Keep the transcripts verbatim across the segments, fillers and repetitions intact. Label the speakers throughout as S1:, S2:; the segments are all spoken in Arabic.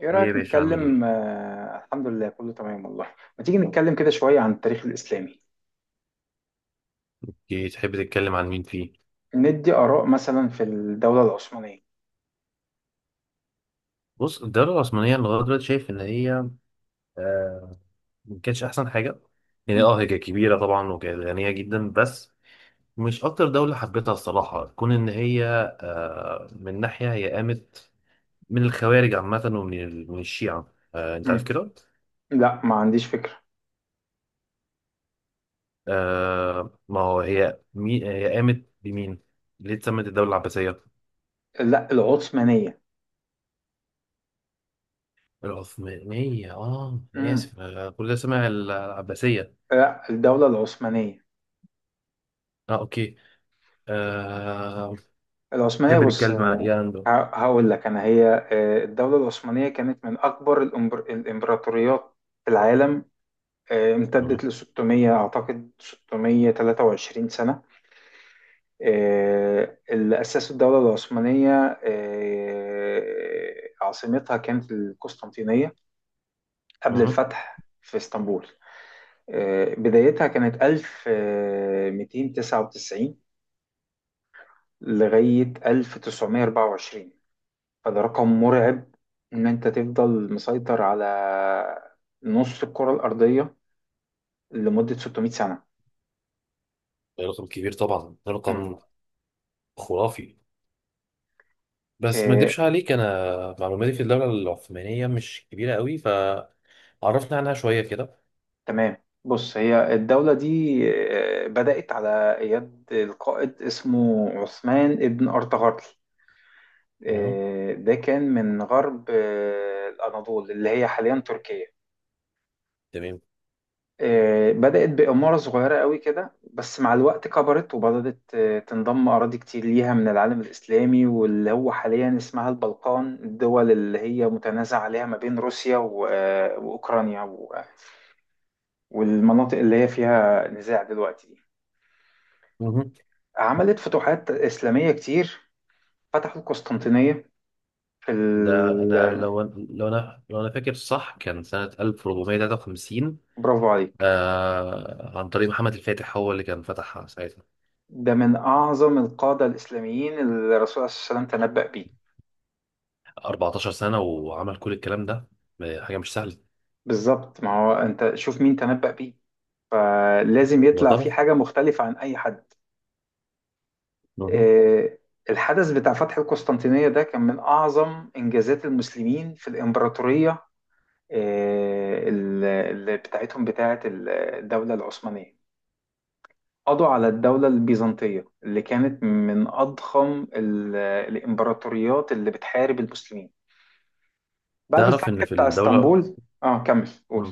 S1: ايه
S2: ايه يا
S1: رأيك
S2: باشا عامل
S1: نتكلم؟
S2: ايه؟
S1: آه، الحمد لله كله تمام والله. ما تيجي نتكلم كده شوية عن التاريخ الإسلامي؟
S2: إيه، تحب تتكلم عن مين فيه؟
S1: ندي آراء مثلا في الدولة العثمانية.
S2: بص الدولة العثمانية لغاية دلوقتي شايف إن هي آه ما كانتش أحسن حاجة. يعني
S1: مم.
S2: اه هي كانت كبيرة طبعا وكانت غنية جدا، بس مش أكتر دولة حبيتها الصراحة، كون إن هي آه من ناحية هي قامت من الخوارج عامة ومن ال- من الشيعة، آه أنت عارف
S1: مم.
S2: كده؟
S1: لا، ما عنديش فكرة.
S2: آه، ما هو هي مي هي قامت بمين؟ ليه اتسمت الدولة العباسية؟
S1: لا، العثمانية.
S2: العثمانية، اه. أنا
S1: مم.
S2: آسف، أنا كل ده سامع العباسية.
S1: لا، الدولة العثمانية.
S2: اه، اوكي. آه،
S1: العثمانية،
S2: بحب
S1: بص.
S2: نتكلم عن
S1: آه،
S2: إيرلندا.
S1: ه- هقول لك أنا هي آه، الدولة العثمانية كانت من أكبر الإمبر- الإمبراطوريات في العالم. آه، امتدت
S2: مهم.
S1: ل ستمية أعتقد ستمية وتلاتة وعشرين سنة. آه، اللي أسسوا الدولة العثمانية، آه، عاصمتها كانت القسطنطينية قبل
S2: مهم.
S1: الفتح في اسطنبول. آه، بدايتها كانت ألف ومتين تسعة وتسعين لغاية ألف تسعمية أربعة وعشرين. فده رقم مرعب إن أنت تفضل مسيطر على نص الكرة الأرضية لمدة ستمية سنة.
S2: ده رقم كبير طبعا، ده رقم خرافي. بس ما
S1: مم.
S2: اكدبش عليك، انا معلوماتي في الدولة العثمانية مش كبيرة قوي، فعرفنا عنها شوية كده.
S1: تمام. بص هي الدولة دي آه، بدأت على يد القائد اسمه عثمان ابن أرطغرل.
S2: مهم.
S1: آه، ده كان من غرب آه، الأناضول اللي هي حاليا تركيا.
S2: تمام.
S1: آه، بدأت بإمارة صغيرة قوي كده، بس مع الوقت كبرت وبدأت آه، تنضم أراضي كتير ليها من العالم الإسلامي، واللي هو حاليا اسمها البلقان، الدول اللي هي متنازع عليها ما بين روسيا و- آه، وأوكرانيا و- والمناطق اللي هي فيها نزاع دلوقتي.
S2: مهم.
S1: عملت فتوحات إسلامية كتير. فتحوا القسطنطينية في
S2: ده
S1: ال...
S2: انا لو لو انا لو انا فاكر صح كان سنة ألف وأربعمية وتلاتة وخمسين.
S1: برافو عليك.
S2: آه، عن طريق محمد الفاتح، هو اللي كان فتحها ساعتها.
S1: ده من أعظم القادة الإسلاميين اللي الرسول عليه الصلاة والسلام تنبأ بيه.
S2: أربعتاشر سنة وعمل كل الكلام ده، حاجة مش سهلة.
S1: بالظبط، ما هو أنت شوف مين تنبأ بيه، فلازم
S2: لا
S1: يطلع فيه
S2: طبعا.
S1: حاجة مختلفة عن أي حد.
S2: مهم.
S1: آه، الحدث بتاع فتح القسطنطينية ده كان من أعظم إنجازات المسلمين في الإمبراطورية، آه، ال- اللي بتاعتهم بتاعت الدولة العثمانية. قضوا على الدولة البيزنطية اللي كانت من أضخم ال- الإمبراطوريات اللي بتحارب المسلمين بعد
S2: تعرف ان
S1: الفتح
S2: في
S1: بتاع
S2: الدولة.
S1: اسطنبول. اه، كمل قول.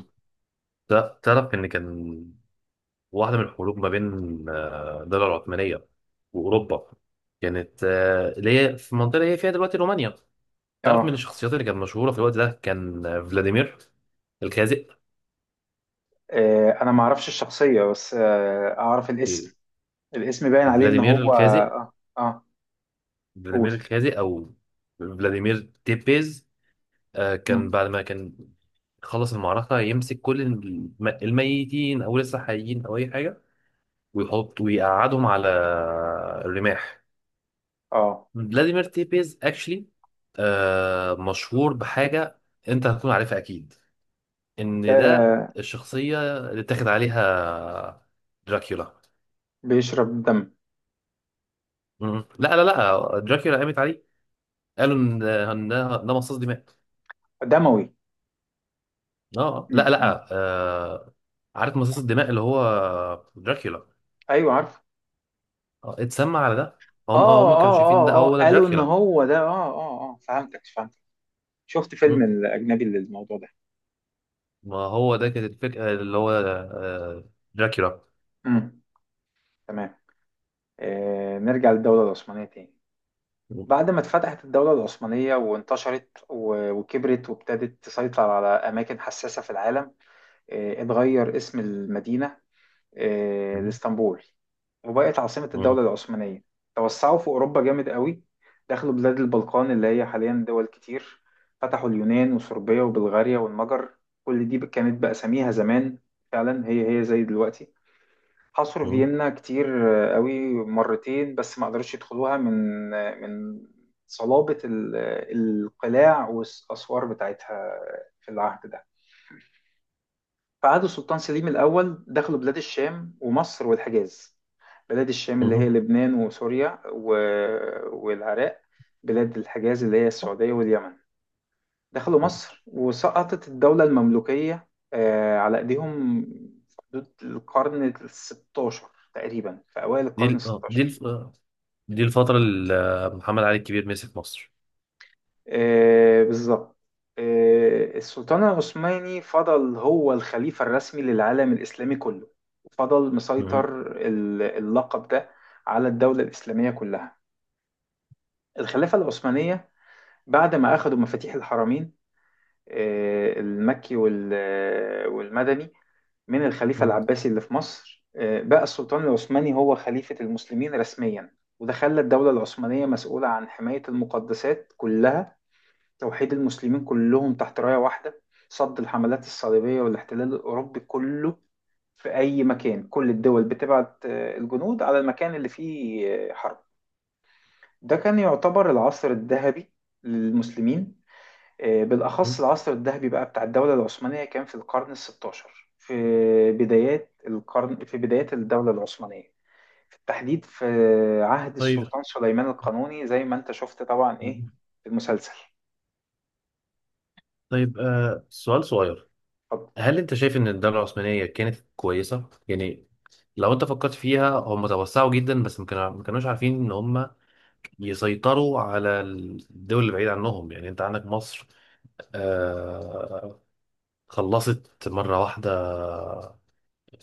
S2: تعرف تعرف إن كان واحدة من الحروب ما بين آه، الدولة العثمانية وأوروبا، كانت آه، اللي هي في المنطقة اللي هي فيها دلوقتي رومانيا. تعرف من
S1: اه
S2: الشخصيات اللي كانت مشهورة في الوقت ده كان آه، فلاديمير الخازق.
S1: آه، أنا ما أعرفش الشخصية، بس آه، أعرف
S2: إيه،
S1: الاسم. الاسم باين عليه إن
S2: فلاديمير
S1: هو
S2: الخازق،
S1: اه اه قول.
S2: فلاديمير الخازق أو فلاديمير تيبيز. آه، كان
S1: مم.
S2: بعد ما كان خلص المعركة يمسك كل الم- الميتين أو لسه حيين أو أي حاجة، ويحط ويقعدهم على الرماح.
S1: اه،
S2: فلاديمير تيبيز اكشلي، آه مشهور بحاجه انت هتكون عارفها اكيد، ان ده
S1: ده
S2: الشخصيه اللي اتاخد عليها دراكولا.
S1: بيشرب دم.
S2: مم. لا لا لا، دراكولا قامت عليه، قالوا ان إن ده ده مصاص دماء.
S1: دموي.
S2: اه، لا
S1: مم. مم.
S2: لا. آه، عارف مصاص الدماء اللي هو دراكولا؟
S1: أيوه، عارف.
S2: آه، اتسمى على ده. هم آه، هم
S1: اه،
S2: كانوا
S1: اه،
S2: شايفين ده
S1: اه، اه،
S2: هو ده
S1: قالوا إن
S2: دراكولا.
S1: هو ده، اه، اه، اه، فهمتك فهمتك. شفت فيلم
S2: مم.
S1: الأجنبي للموضوع ده.
S2: ما هو ده كانت الفكره، اللي هو آه دراكولا.
S1: مم. تمام. آه، نرجع للدولة العثمانية تاني.
S2: مم.
S1: بعد ما اتفتحت الدولة العثمانية وانتشرت و- وكبرت وابتدت تسيطر على أماكن حساسة في العالم. آه، اتغير اسم المدينة آه، لإسطنبول، وبقت عاصمة الدولة
S2: مم.
S1: العثمانية. توسعوا في أوروبا جامد قوي. دخلوا بلاد البلقان اللي هي حاليا دول كتير. فتحوا اليونان وصربيا وبلغاريا والمجر. كل دي كانت بأساميها زمان. فعلا هي هي زي دلوقتي. حصروا
S2: مم.
S1: فيينا كتير قوي مرتين، بس ما قدروش يدخلوها من من صلابة ال- القلاع والأسوار بتاعتها في العهد ده. فعهد السلطان سليم الأول دخلوا بلاد الشام ومصر والحجاز. بلاد الشام اللي هي
S2: مم.
S1: لبنان وسوريا و- والعراق. بلاد الحجاز اللي هي السعودية واليمن. دخلوا مصر وسقطت الدولة المملوكية آه، على إيديهم في حدود القرن ال ستاشر تقريبا، في أوائل
S2: دي
S1: القرن ال
S2: ال- آه، دي
S1: ستاشر.
S2: الف... آه، دي الفترة اللي آه، محمد علي الكبير مسك مصر.
S1: آه، بالظبط. آه، السلطان العثماني فضل هو الخليفة الرسمي للعالم الإسلامي كله وفضل
S2: مهم.
S1: مسيطر. ال- اللقب ده على الدولة الإسلامية كلها، الخلافة العثمانية. بعد ما أخذوا مفاتيح الحرمين، آه، المكي وال- والمدني، من الخليفة العباسي اللي في مصر، آه، بقى السلطان العثماني هو خليفة المسلمين رسميا، وده خلى الدولة العثمانية مسؤولة عن حماية المقدسات كلها. توحيد المسلمين كلهم تحت راية واحدة. صد الحملات الصليبية والاحتلال الأوروبي كله في أي مكان. كل الدول بتبعت آه، الجنود على المكان اللي فيه آه، حرب. ده كان يعتبر العصر الذهبي للمسلمين. آه، بالأخص
S2: مهم.
S1: العصر الذهبي بقى بتاع الدولة العثمانية كان في القرن الستاشر، في بدايات القرن، في بدايات الدولة العثمانية، في التحديد في عهد
S2: طيب.
S1: السلطان سليمان القانوني، زي ما أنت شفت طبعا إيه في المسلسل.
S2: طيب، آه سؤال صغير.
S1: اتفضل.
S2: هل انت شايف ان الدولة العثمانية كانت كويسة؟ يعني لو انت فكرت فيها، هم توسعوا جدا بس ما كانوا- ما كانوش عارفين ان هم يسيطروا على الدول اللي بعيد عنهم. يعني انت عندك مصر، آه، خلصت مرة واحدة،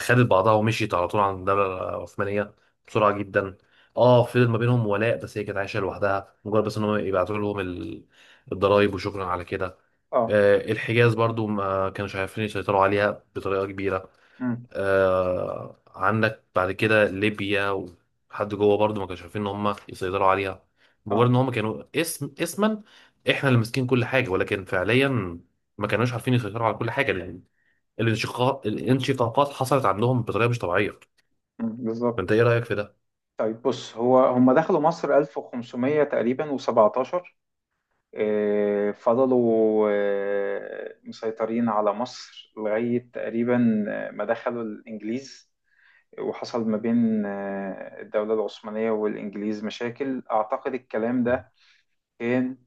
S2: خدت بعضها ومشيت على طول عن الدولة العثمانية بسرعة جدا. اه، فضل ما بينهم ولاء بس هي كانت عايشة لوحدها، مجرد بس ان هم يبعتوا لهم ال- الضرايب وشكرا على كده.
S1: اه،
S2: آه، الحجاز برضو ما كانوش عارفين يسيطروا عليها بطريقة كبيرة. آه، عندك بعد كده ليبيا وحد جوه برضو ما كانوش عارفين ان هم يسيطروا عليها، مجرد
S1: اه.
S2: ان هم كانوا اسم اسما. احنا اللي ماسكين كل حاجة، ولكن فعليا ما كانوش عارفين يسيطروا على كل حاجة. الانشقاق، الانشقاقات حصلت عندهم بطريقه مش طبيعيه.
S1: مم،
S2: فانت
S1: بالظبط.
S2: ايه رايك في ده؟
S1: طيب، بص هو هم دخلوا مصر ألف وخمسمية تقريبا و17. فضلوا آه، مسيطرين على مصر لغاية تقريبا آه، ما دخلوا الإنجليز. وحصل ما بين آه، الدولة العثمانية والإنجليز مشاكل. أعتقد الكلام
S2: مم.
S1: ده كان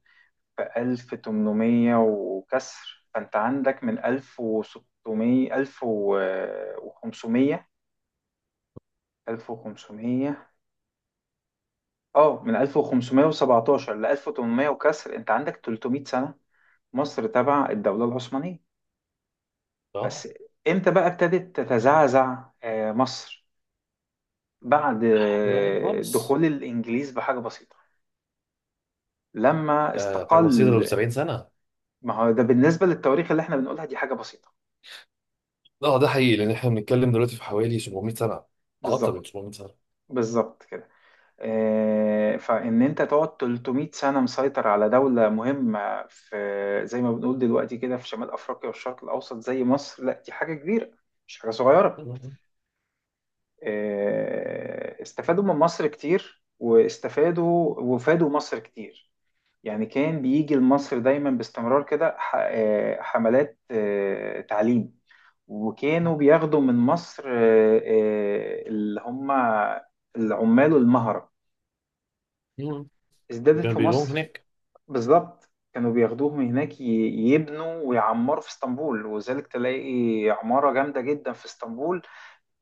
S1: في ألف وتمنمية وكسر. فأنت عندك من ألف وستمية ألف وخمسمية ألف وخمسمية اه من ألف وخمسمية سبعطاشر ل ألف وتمنمية وكسر، انت عندك تلتمية سنة مصر تبع الدولة العثمانية. بس
S2: اه،
S1: امتى بقى ابتدت تتزعزع آه، مصر؟ بعد
S2: في الاخر
S1: آه،
S2: خالص.
S1: دخول الانجليز بحاجة بسيطة لما
S2: آه، حاجه بسيطه لو
S1: استقل.
S2: سبعين سنه.
S1: ما هو ده بالنسبة للتواريخ اللي احنا بنقولها دي حاجة بسيطة.
S2: اه ده حقيقي، لان احنا بنتكلم دلوقتي في حوالي سبعمية سنه، اكتر من
S1: بالظبط،
S2: سبعمية سنه.
S1: بالظبط كده. آه، فإن أنت تقعد تلتمية سنة مسيطر على دولة مهمة في زي ما بنقول دلوقتي كده في شمال أفريقيا والشرق الأوسط زي مصر، لا دي حاجة كبيرة، مش حاجة صغيرة.
S2: مم.
S1: آه، استفادوا من مصر كتير واستفادوا وفادوا مصر كتير. يعني كان بيجي لمصر دايما باستمرار كده ح- آه، حملات آه، تعليم. وكانوا بياخدوا من مصر آه، آه، اللي هم العمال المهرة.
S2: مم.
S1: ازدادت
S2: وكانوا
S1: في
S2: بيلوم
S1: مصر.
S2: هناك.
S1: بالظبط كانوا بياخدوهم هناك ي- يبنوا ويعمروا في اسطنبول. وذلك تلاقي عمارة جامدة جدا في اسطنبول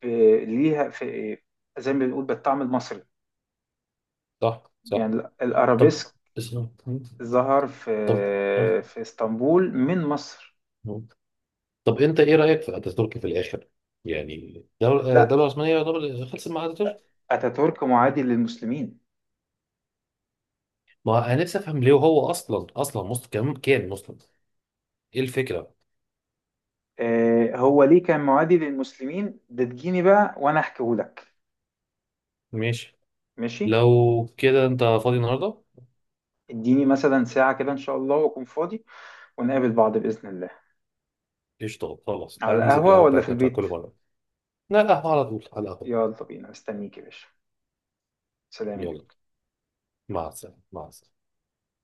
S1: ب- ليها في زي ما بنقول بالطعم المصري.
S2: صح صح.
S1: يعني ال-
S2: طب
S1: الأرابيسك
S2: بس- مم.
S1: ظهر في
S2: طب آه.
S1: في اسطنبول من مصر.
S2: مم. طب انت ايه رايك في اتاتورك في الاخر؟ يعني الدوله
S1: لا،
S2: الدوله العثمانيه يعتبر خلصت مع اتاتورك.
S1: أتاتورك معادي للمسلمين.
S2: ما انا نفسي افهم ليه، هو اصلا اصلا مسلم، كان كان مسلم. ايه الفكره؟
S1: آه، هو ليه كان معادي للمسلمين ده، تجيني بقى وأنا أحكيهولك.
S2: ماشي.
S1: ماشي.
S2: لو كده انت فاضي النهارده؟
S1: اديني مثلا ساعة كده إن شاء الله وأكون فاضي، ونقابل بعض بإذن الله.
S2: قشطة خلاص،
S1: على
S2: تعالى ننزل
S1: القهوة
S2: القهوة
S1: ولا في
S2: بتاعتنا بتاع
S1: البيت؟
S2: كل مرة. لا القهوة، على طول على القهوة.
S1: يلا بينا، مستنيك يا باشا. سلام يا
S2: يلا.
S1: جدع.
S2: مع السلامة، مع السلامة.